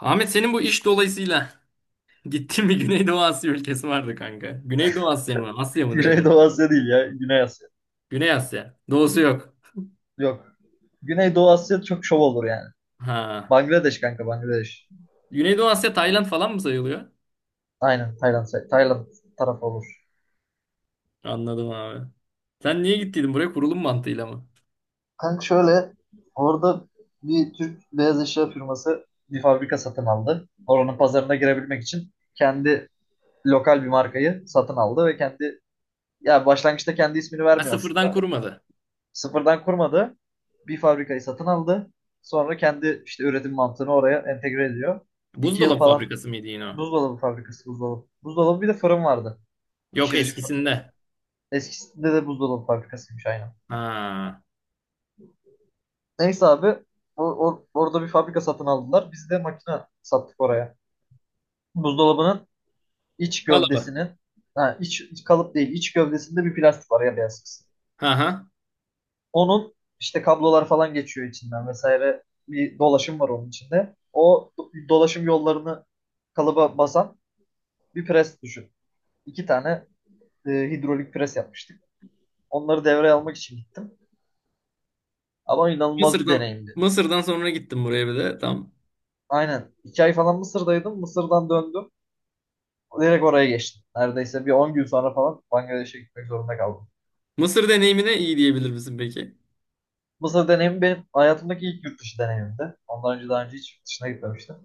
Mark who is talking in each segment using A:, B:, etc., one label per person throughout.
A: Ahmet, senin bu iş dolayısıyla gittin mi? Güneydoğu Asya ülkesi vardı kanka. Güneydoğu Asya mı? Asya mı direkt?
B: Güneydoğu Asya değil ya. Güney Asya.
A: Güney Asya. Doğusu yok.
B: Yok. Güneydoğu Asya çok şov olur yani.
A: Ha.
B: Bangladeş kanka, Bangladeş.
A: Güneydoğu Asya Tayland falan mı sayılıyor?
B: Aynen Tayland. Tayland tarafı olur.
A: Anladım abi. Sen niye gittiydin buraya, kurulum mantığıyla mı?
B: Kanka şöyle, orada bir Türk beyaz eşya firması bir fabrika satın aldı. Oranın pazarına girebilmek için kendi lokal bir markayı satın aldı ve kendi, ya başlangıçta kendi ismini
A: Ha,
B: vermiyor
A: sıfırdan
B: aslında.
A: kurmadı.
B: Sıfırdan kurmadı. Bir fabrikayı satın aldı. Sonra kendi işte üretim mantığını oraya entegre ediyor. 2 yıl
A: Buzdolabı
B: falan.
A: fabrikası mıydı yine o?
B: Buzdolabı fabrikası, buzdolabı. Buzdolabı, bir de fırın vardı.
A: Yok,
B: Pişirici fabrikası.
A: eskisinde.
B: Eskisinde de buzdolabı fabrikasıymış aynen.
A: Ha.
B: Neyse abi, orada bir fabrika satın aldılar. Biz de makine sattık oraya. Buzdolabının iç
A: Kalaba.
B: gövdesinin, iç kalıp değil, iç gövdesinde bir plastik var ya, beyaz kısım.
A: Ha ha.
B: Onun işte kablolar falan geçiyor içinden vesaire, bir dolaşım var onun içinde. O dolaşım yollarını kalıba basan bir pres düşün. İki tane hidrolik pres yapmıştık. Onları devreye almak için gittim. Ama inanılmaz bir
A: Mısır'dan
B: deneyimdi.
A: Mısır'dan sonra gittim buraya bir de. Tam.
B: Aynen. 2 ay falan Mısır'daydım. Mısır'dan döndüm. Direkt oraya geçtim. Neredeyse bir 10 gün sonra falan Bangladeş'e gitmek zorunda kaldım.
A: Mısır deneyimine iyi diyebilir misin peki?
B: Mısır deneyimi benim hayatımdaki ilk yurt dışı deneyimimdi. Ondan önce daha önce hiç yurt dışına gitmemiştim.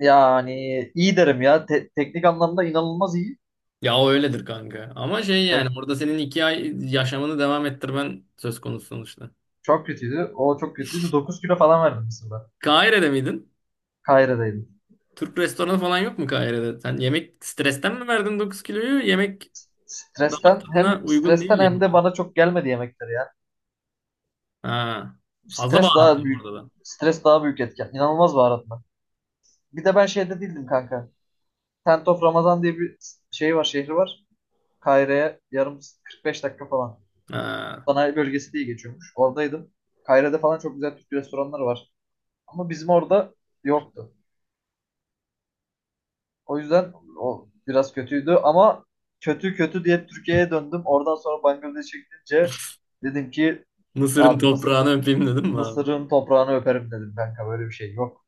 B: Yani iyi derim ya. Teknik anlamda inanılmaz iyi.
A: Ya o öyledir kanka. Ama şey yani
B: Tek
A: orada senin 2 ay yaşamını devam ettirmen söz konusu sonuçta.
B: çok kötüydü. O çok kötüydü. 9 kilo falan verdim Mısır'da.
A: Kahire'de miydin?
B: Kahire'deydim.
A: Türk restoranı falan yok mu Kahire'de? Sen yemek stresten mi verdin 9 kiloyu? Yemek
B: Stresten,
A: damak tadına
B: hem
A: uygun
B: stresten
A: değil
B: hem de
A: yemişsin.
B: bana çok gelmedi yemekleri ya.
A: Ha. Fazla
B: Stres daha
A: baharatlıyım
B: büyük.
A: orada da.
B: Stres daha büyük etken. İnanılmaz baharat. Bir de ben şeyde değildim kanka. Tent of Ramazan diye bir şey var, şehri var. Kahire'ye 45 dakika falan.
A: Ha.
B: Sanayi bölgesi diye geçiyormuş. Oradaydım. Kahire'de falan çok güzel Türk restoranları var. Ama bizim orada yoktu. O yüzden o biraz kötüydü, ama kötü kötü diye Türkiye'ye döndüm. Oradan sonra Bangladeş'e gidince dedim ki
A: Mısır'ın
B: abi
A: toprağını öpeyim dedim mi abi?
B: Mısır'ın toprağını öperim dedim kanka, böyle bir şey yok.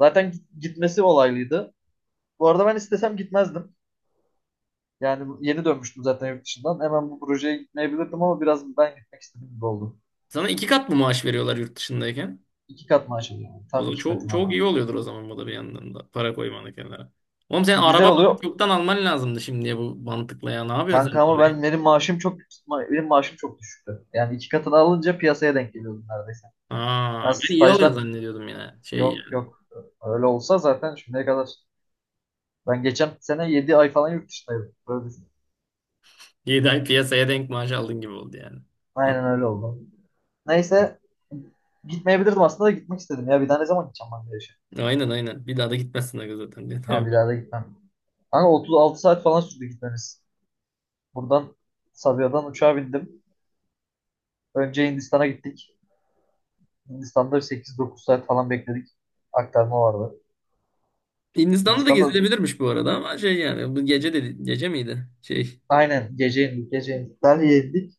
B: Zaten gitmesi olaylıydı. Bu arada ben istesem gitmezdim. Yani yeni dönmüştüm zaten yurt dışından. Hemen bu projeye gitmeyebilirdim ama biraz ben gitmek istedim gibi oldu.
A: Sana 2 kat mı maaş veriyorlar yurt dışındayken?
B: İki kat maaş alıyorum.
A: O
B: Tam
A: zaman
B: iki
A: çok,
B: katına
A: çok iyi
B: alıyorum.
A: oluyordur o zaman, bu da bir yandan da. Para koymanı kenara. Oğlum sen
B: Güzel
A: araba bakıp
B: oluyor.
A: yoktan alman lazımdı şimdiye bu mantıkla ya. Ne yapıyorsun sen
B: Kanka ama
A: parayı?
B: ben, benim maaşım çok düşüktü. Yani iki katını alınca piyasaya denk geliyordum neredeyse. Ben
A: Aa, ben iyi alıyor
B: stajdan,
A: zannediyordum ya. Şey
B: yok
A: yani.
B: yok, öyle olsa zaten şimdiye kadar, ben geçen sene 7 ay falan yurt dışındaydım. Böyle düşün.
A: 7 ay piyasaya denk maaş aldın gibi oldu yani. A-
B: Aynen öyle oldu. Neyse gitmeyebilirdim aslında da gitmek istedim ya. Bir daha ne zaman gideceğim ben de yaşa.
A: Aynen aynen. Bir daha da gitmezsin aga zaten diye.
B: Ya
A: Tamam.
B: bir daha da gitmem. Kanka 36 saat falan sürdü gitmemiz. Buradan, Sabiha'dan uçağa bindim. Önce Hindistan'a gittik. Hindistan'da 8-9 saat falan bekledik. Aktarma vardı.
A: Hindistan'da da
B: Hindistan'da
A: gezilebilirmiş bu arada, ama şey yani bu gece de gece miydi? Şey.
B: aynen gece indik, gece indik. Delhi'ye indik.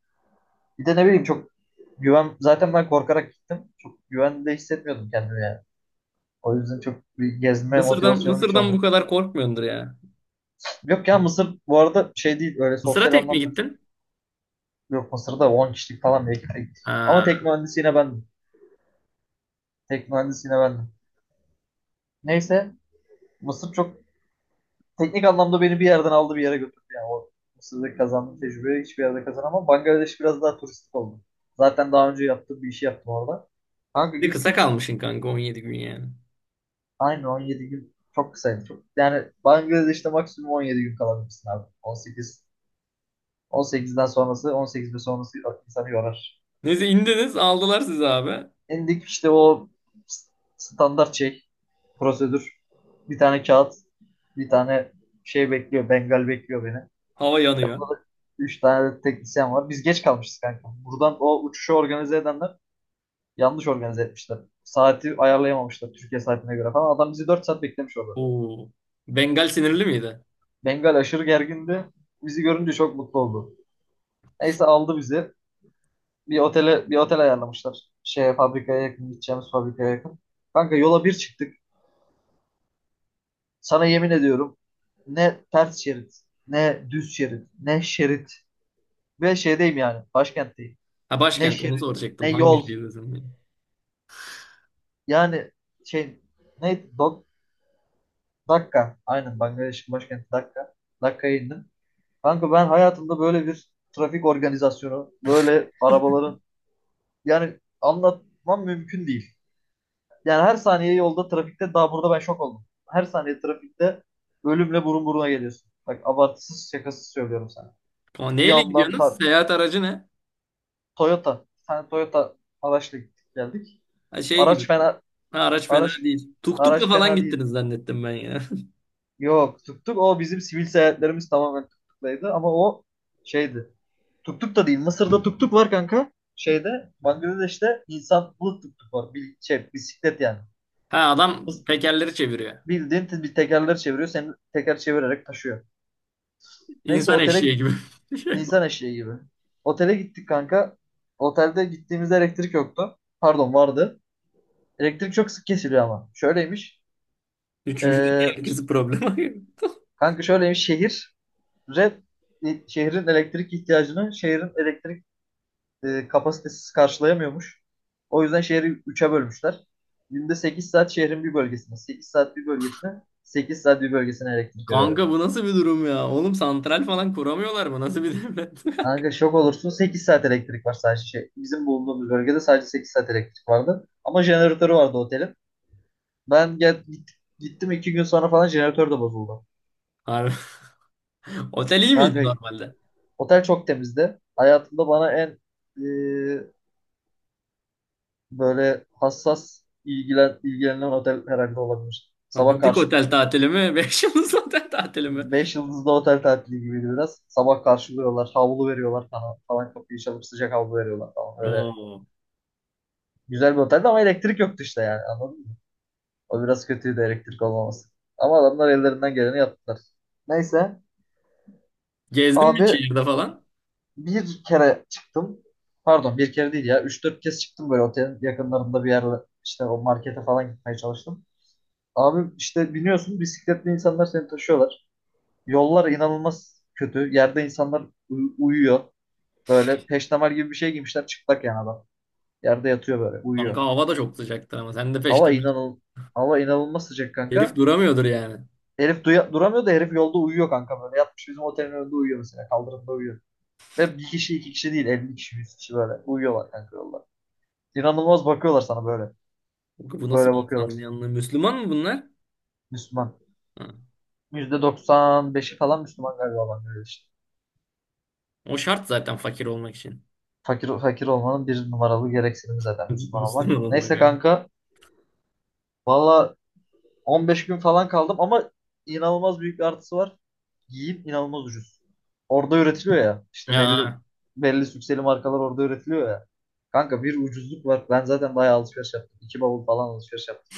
B: Bir de ne bileyim, zaten ben korkarak gittim. Çok güvende hissetmiyordum kendimi yani. O yüzden çok bir gezme
A: Mısır'dan
B: motivasyonum hiç
A: Mısır'dan bu
B: olmadı.
A: kadar korkmuyordur ya.
B: Yok ya Mısır bu arada şey değil öyle
A: Mısır'a
B: sosyal
A: tek mi
B: anlamda,
A: gittin?
B: yok Mısır'da 10 kişilik falan bir ekiple gittik. Ama
A: Ha.
B: tek mühendisi yine bendim. Tek mühendisi yine bendim. Neyse Mısır çok teknik anlamda beni bir yerden aldı bir yere götürdü. Yani o Mısır'da kazandığım tecrübeyi hiçbir yerde kazanamam. Bangladeş biraz daha turistik oldu. Zaten daha önce yaptığım bir işi yaptım orada. Kanka
A: Bir de kısa
B: gittik.
A: kalmışsın kanka, 17 gün yani.
B: Aynı 17 gün çok kısaydı. Çok, yani Bangladeş'te maksimum 17 gün kalabilirsin abi. 18, 18'den sonrası, 18 ve sonrası insanı yorar.
A: Neyse indiniz aldılar sizi abi.
B: İndik işte, o standart şey, prosedür. Bir tane kağıt, bir tane şey bekliyor. Bengal bekliyor beni.
A: Hava yanıyor.
B: Yanında da 3 tane de teknisyen var. Biz geç kalmışız kanka. Buradan o uçuşu organize edenler yanlış organize etmişler. Saati ayarlayamamışlar Türkiye saatine göre falan. Adam bizi 4 saat beklemiş orada.
A: Oo. Bengal sinirli miydi?
B: Bengal aşırı gergindi. Bizi görünce çok mutlu oldu. Neyse aldı bizi. Bir otele, bir otel ayarlamışlar. Şeye, fabrikaya yakın, gideceğimiz fabrikaya yakın. Kanka yola bir çıktık. Sana yemin ediyorum, ne ters şerit, ne düz şerit, ne şerit, ve şeydeyim yani başkentteyim.
A: Ha,
B: Ne
A: başkent onu
B: şerit, ne
A: soracaktım. Hangi
B: yol.
A: şehirdesin, diye.
B: Yani şey, ne Dok- Dakka, aynen, Bangladeş'in başkenti Dakka. Dakka'ya indim. Kanka ben hayatımda böyle bir trafik organizasyonu, böyle arabaların, yani anlatmam mümkün değil. Yani her saniye yolda trafikte, daha burada ben şok oldum. Her saniye trafikte ölümle burun buruna geliyorsun. Bak abartısız, şakasız söylüyorum sana.
A: Ama
B: Bir
A: neyle
B: yandan
A: gidiyorsunuz? Seyahat aracı ne?
B: Toyota. Bir tane Toyota araçla gittik geldik.
A: Ha, şey
B: Araç
A: gibi.
B: fena
A: Ha, araç fena
B: araç
A: değil. Tuk tukla
B: araç
A: falan
B: fena değil.
A: gittiniz zannettim ben ya.
B: Yok, tuk tuk, o bizim sivil seyahatlerimiz tamamen tuk tuklaydı ama o şeydi. Tuk tuk da değil. Mısır'da tuk tuk var kanka. Şeyde, Bangladeş'te insanlı tuk tuk var. Bil, şey, bisiklet yani.
A: Ha, adam
B: Bıs-
A: tekerleri çeviriyor.
B: Bildiğin bir tekerler çeviriyor. Seni teker çevirerek taşıyor. Neyse
A: İnsan eşeği gibi. Şey var.
B: insan eşeği gibi. Otele gittik kanka. Otelde gittiğimizde elektrik yoktu. Pardon, vardı. Elektrik çok sık kesiliyor ama. Şöyleymiş.
A: Üçüncü
B: Ee,
A: herkesi problemi.
B: kanka şöyleymiş. Şehir red şehrin elektrik ihtiyacını, şehrin elektrik kapasitesiz karşılayamıyormuş. O yüzden şehri üçe bölmüşler. Günde 8 saat şehrin bir bölgesine, 8 saat bir bölgesine, 8 saat bir bölgesine elektrik veriyorlar.
A: Kanka bu nasıl bir durum ya? Oğlum santral falan kuramıyorlar mı? Nasıl bir devlet?
B: Kanka şok olursun, 8 saat elektrik var sadece şey. Bizim bulunduğumuz bölgede sadece 8 saat elektrik vardı. Ama jeneratörü vardı otelin. Ben gittim, 2 gün sonra falan jeneratör de bozuldu.
A: Abi, otel iyi miydi
B: Kanka
A: normalde?
B: otel çok temizdi. Hayatımda bana en e, böyle hassas ilgilenen otel herhalde olabilir.
A: Ha,
B: Sabah
A: butik
B: karşı
A: otel tatili mi? Beş yıldız otel tatili mi?
B: Beş yıldızlı otel tatili gibiydi biraz. Sabah karşılıyorlar, havlu veriyorlar falan, falan kapıyı çalıp sıcak havlu veriyorlar falan. Öyle
A: Oo.
B: güzel bir oteldi ama elektrik yoktu işte, yani anladın mı? O biraz kötüydü, elektrik olmaması. Ama adamlar ellerinden geleni yaptılar. Neyse
A: Gezdin
B: abi,
A: mi şehirde falan?
B: bir kere çıktım. Pardon, bir kere değil ya. Üç dört kez çıktım, böyle otelin yakınlarında bir yerle işte, o markete falan gitmeye çalıştım. Abi işte biniyorsun, bisikletli insanlar seni taşıyorlar. Yollar inanılmaz kötü. Yerde insanlar uyuyor. Böyle peştemal gibi bir şey giymişler, çıplak yani adam. Yerde yatıyor böyle,
A: Kanka
B: uyuyor.
A: hava da çok sıcaktır ama sen de
B: Hava
A: peştemal.
B: inanıl hava inanılmaz sıcak
A: Herif
B: kanka.
A: duramıyordur yani.
B: Herif duramıyor da herif yolda uyuyor kanka böyle. Yatmış bizim otelin önünde uyuyor mesela. Kaldırımda uyuyor. Ve bir kişi iki kişi değil, 50 kişi 100 kişi böyle uyuyorlar kanka yolda. İnanılmaz bakıyorlar sana böyle.
A: Bu nasıl
B: Böyle
A: bir
B: bakıyorlar.
A: insan yanına? Müslüman mı bunlar?
B: Müslüman.
A: Ha.
B: %95'i falan Müslüman galiba adam, böyle işte.
A: O şart zaten fakir olmak için.
B: Fakir, fakir olmanın bir numaralı gereksinimi zaten Müslüman
A: Müslüman
B: olmak.
A: olmak. Olmak
B: Neyse
A: yani.
B: kanka. Valla 15 gün falan kaldım ama inanılmaz büyük bir artısı var. Giyim inanılmaz ucuz. Orada üretiliyor ya. İşte belli,
A: Aa,
B: belli sükseli markalar orada üretiliyor ya. Kanka bir ucuzluk var. Ben zaten bayağı alışveriş yaptım. İki bavul falan alışveriş yaptım.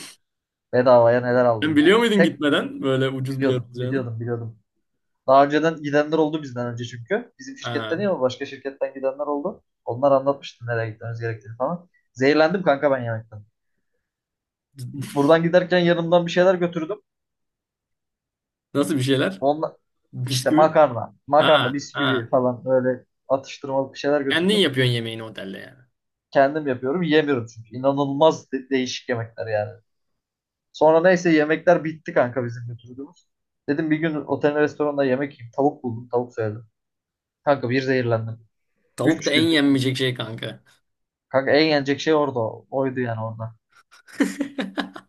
B: Bedavaya neler
A: sen
B: aldım yani.
A: biliyor muydun
B: Tek
A: gitmeden böyle ucuz bir yer
B: biliyordum,
A: olacağını?
B: biliyordum, biliyordum. Daha önceden gidenler oldu bizden önce çünkü. Bizim
A: Aa.
B: şirketten değil ama başka şirketten gidenler oldu. Onlar anlatmıştı nereye gitmemiz gerektiğini falan. Zehirlendim kanka ben yemekten. Buradan giderken yanımdan bir şeyler götürdüm.
A: Nasıl bir şeyler?
B: onla İşte
A: Bisküvi.
B: makarna,
A: Ha,
B: bisküvi
A: ha.
B: falan, böyle atıştırmalık bir şeyler
A: Kendin
B: götürdüm.
A: yapıyorsun yemeğini otelde yani.
B: Kendim yapıyorum, yemiyorum çünkü. İnanılmaz değişik yemekler yani. Sonra neyse yemekler bitti kanka, bizim götürdüğümüz. Dedim bir gün otelin restoranda yemek yiyeyim. Tavuk buldum, tavuk söyledim. Kanka bir zehirlendim.
A: Tavuk da
B: Üç
A: en
B: gün.
A: yenmeyecek şey kanka.
B: Kanka en yenecek şey orada oydu yani orada.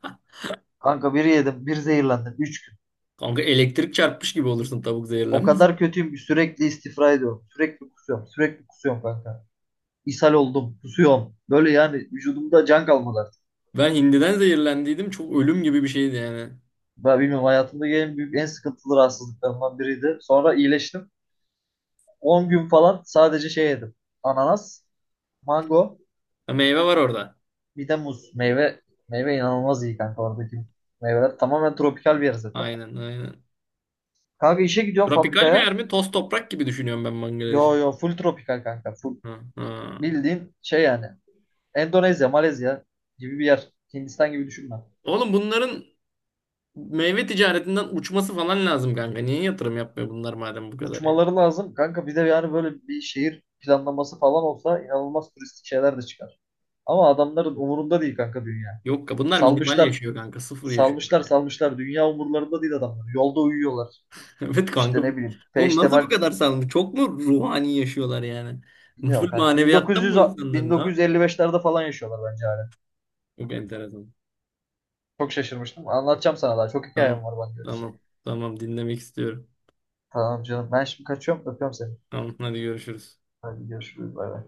B: Kanka bir yedim, bir zehirlendim. Üç gün.
A: Kanka elektrik çarpmış gibi olursun tavuk
B: O
A: zehirlenmesi.
B: kadar kötüyüm ki sürekli istifra ediyorum. Sürekli kusuyorum, sürekli kusuyorum kanka. İshal oldum, kusuyorum. Böyle yani vücudumda can kalmadı.
A: Ben hindiden zehirlendiydim. Çok ölüm gibi bir şeydi yani.
B: Ben bilmiyorum hayatımda en büyük, en sıkıntılı rahatsızlıklarımdan biriydi. Sonra iyileştim. 10 gün falan sadece şey yedim. Ananas, mango,
A: Ha, meyve var orada.
B: bir de muz. Meyve, meyve inanılmaz iyi kanka, oradaki meyveler. Tamamen tropikal bir yer zaten.
A: Aynen aynen.
B: Kanka işe gidiyorum
A: Tropikal bir
B: fabrikaya.
A: yer mi? Toz toprak gibi düşünüyorum ben
B: Yo
A: Bangladeş'i.
B: yo, full tropikal kanka. Full.
A: Ha, ha.
B: Bildiğin şey yani. Endonezya, Malezya gibi bir yer. Hindistan gibi düşünme.
A: Oğlum bunların meyve ticaretinden uçması falan lazım kanka. Niye yatırım yapmıyor bunlar madem bu kadar ya?
B: Uçmaları lazım. Kanka bir de yani böyle bir şehir planlaması falan olsa inanılmaz turistik şeyler de çıkar. Ama adamların umurunda değil kanka dünya.
A: Yok ka bunlar minimal
B: Salmışlar,
A: yaşıyor kanka. Sıfır yaşıyor.
B: salmışlar, salmışlar. Dünya umurlarında değil adamlar. Yolda uyuyorlar.
A: Evet
B: İşte
A: kanka.
B: ne bileyim.
A: Oğlum nasıl bu
B: Peştemal
A: kadar sağlam? Çok mu ruhani yaşıyorlar yani?
B: bilmiyorum
A: Full
B: kanka.
A: maneviyattan mı
B: 1900,
A: bu insanların, ha?
B: 1955'lerde falan yaşıyorlar bence hala.
A: Çok enteresan.
B: Çok şaşırmıştım. Anlatacağım sana daha. Çok hikayem
A: Tamam.
B: var bana göre işte.
A: Tamam. Tamam, dinlemek istiyorum.
B: Tamam canım. Ben şimdi kaçıyorum. Öpüyorum seni.
A: Tamam, hadi görüşürüz.
B: Hadi görüşürüz. Bay bay.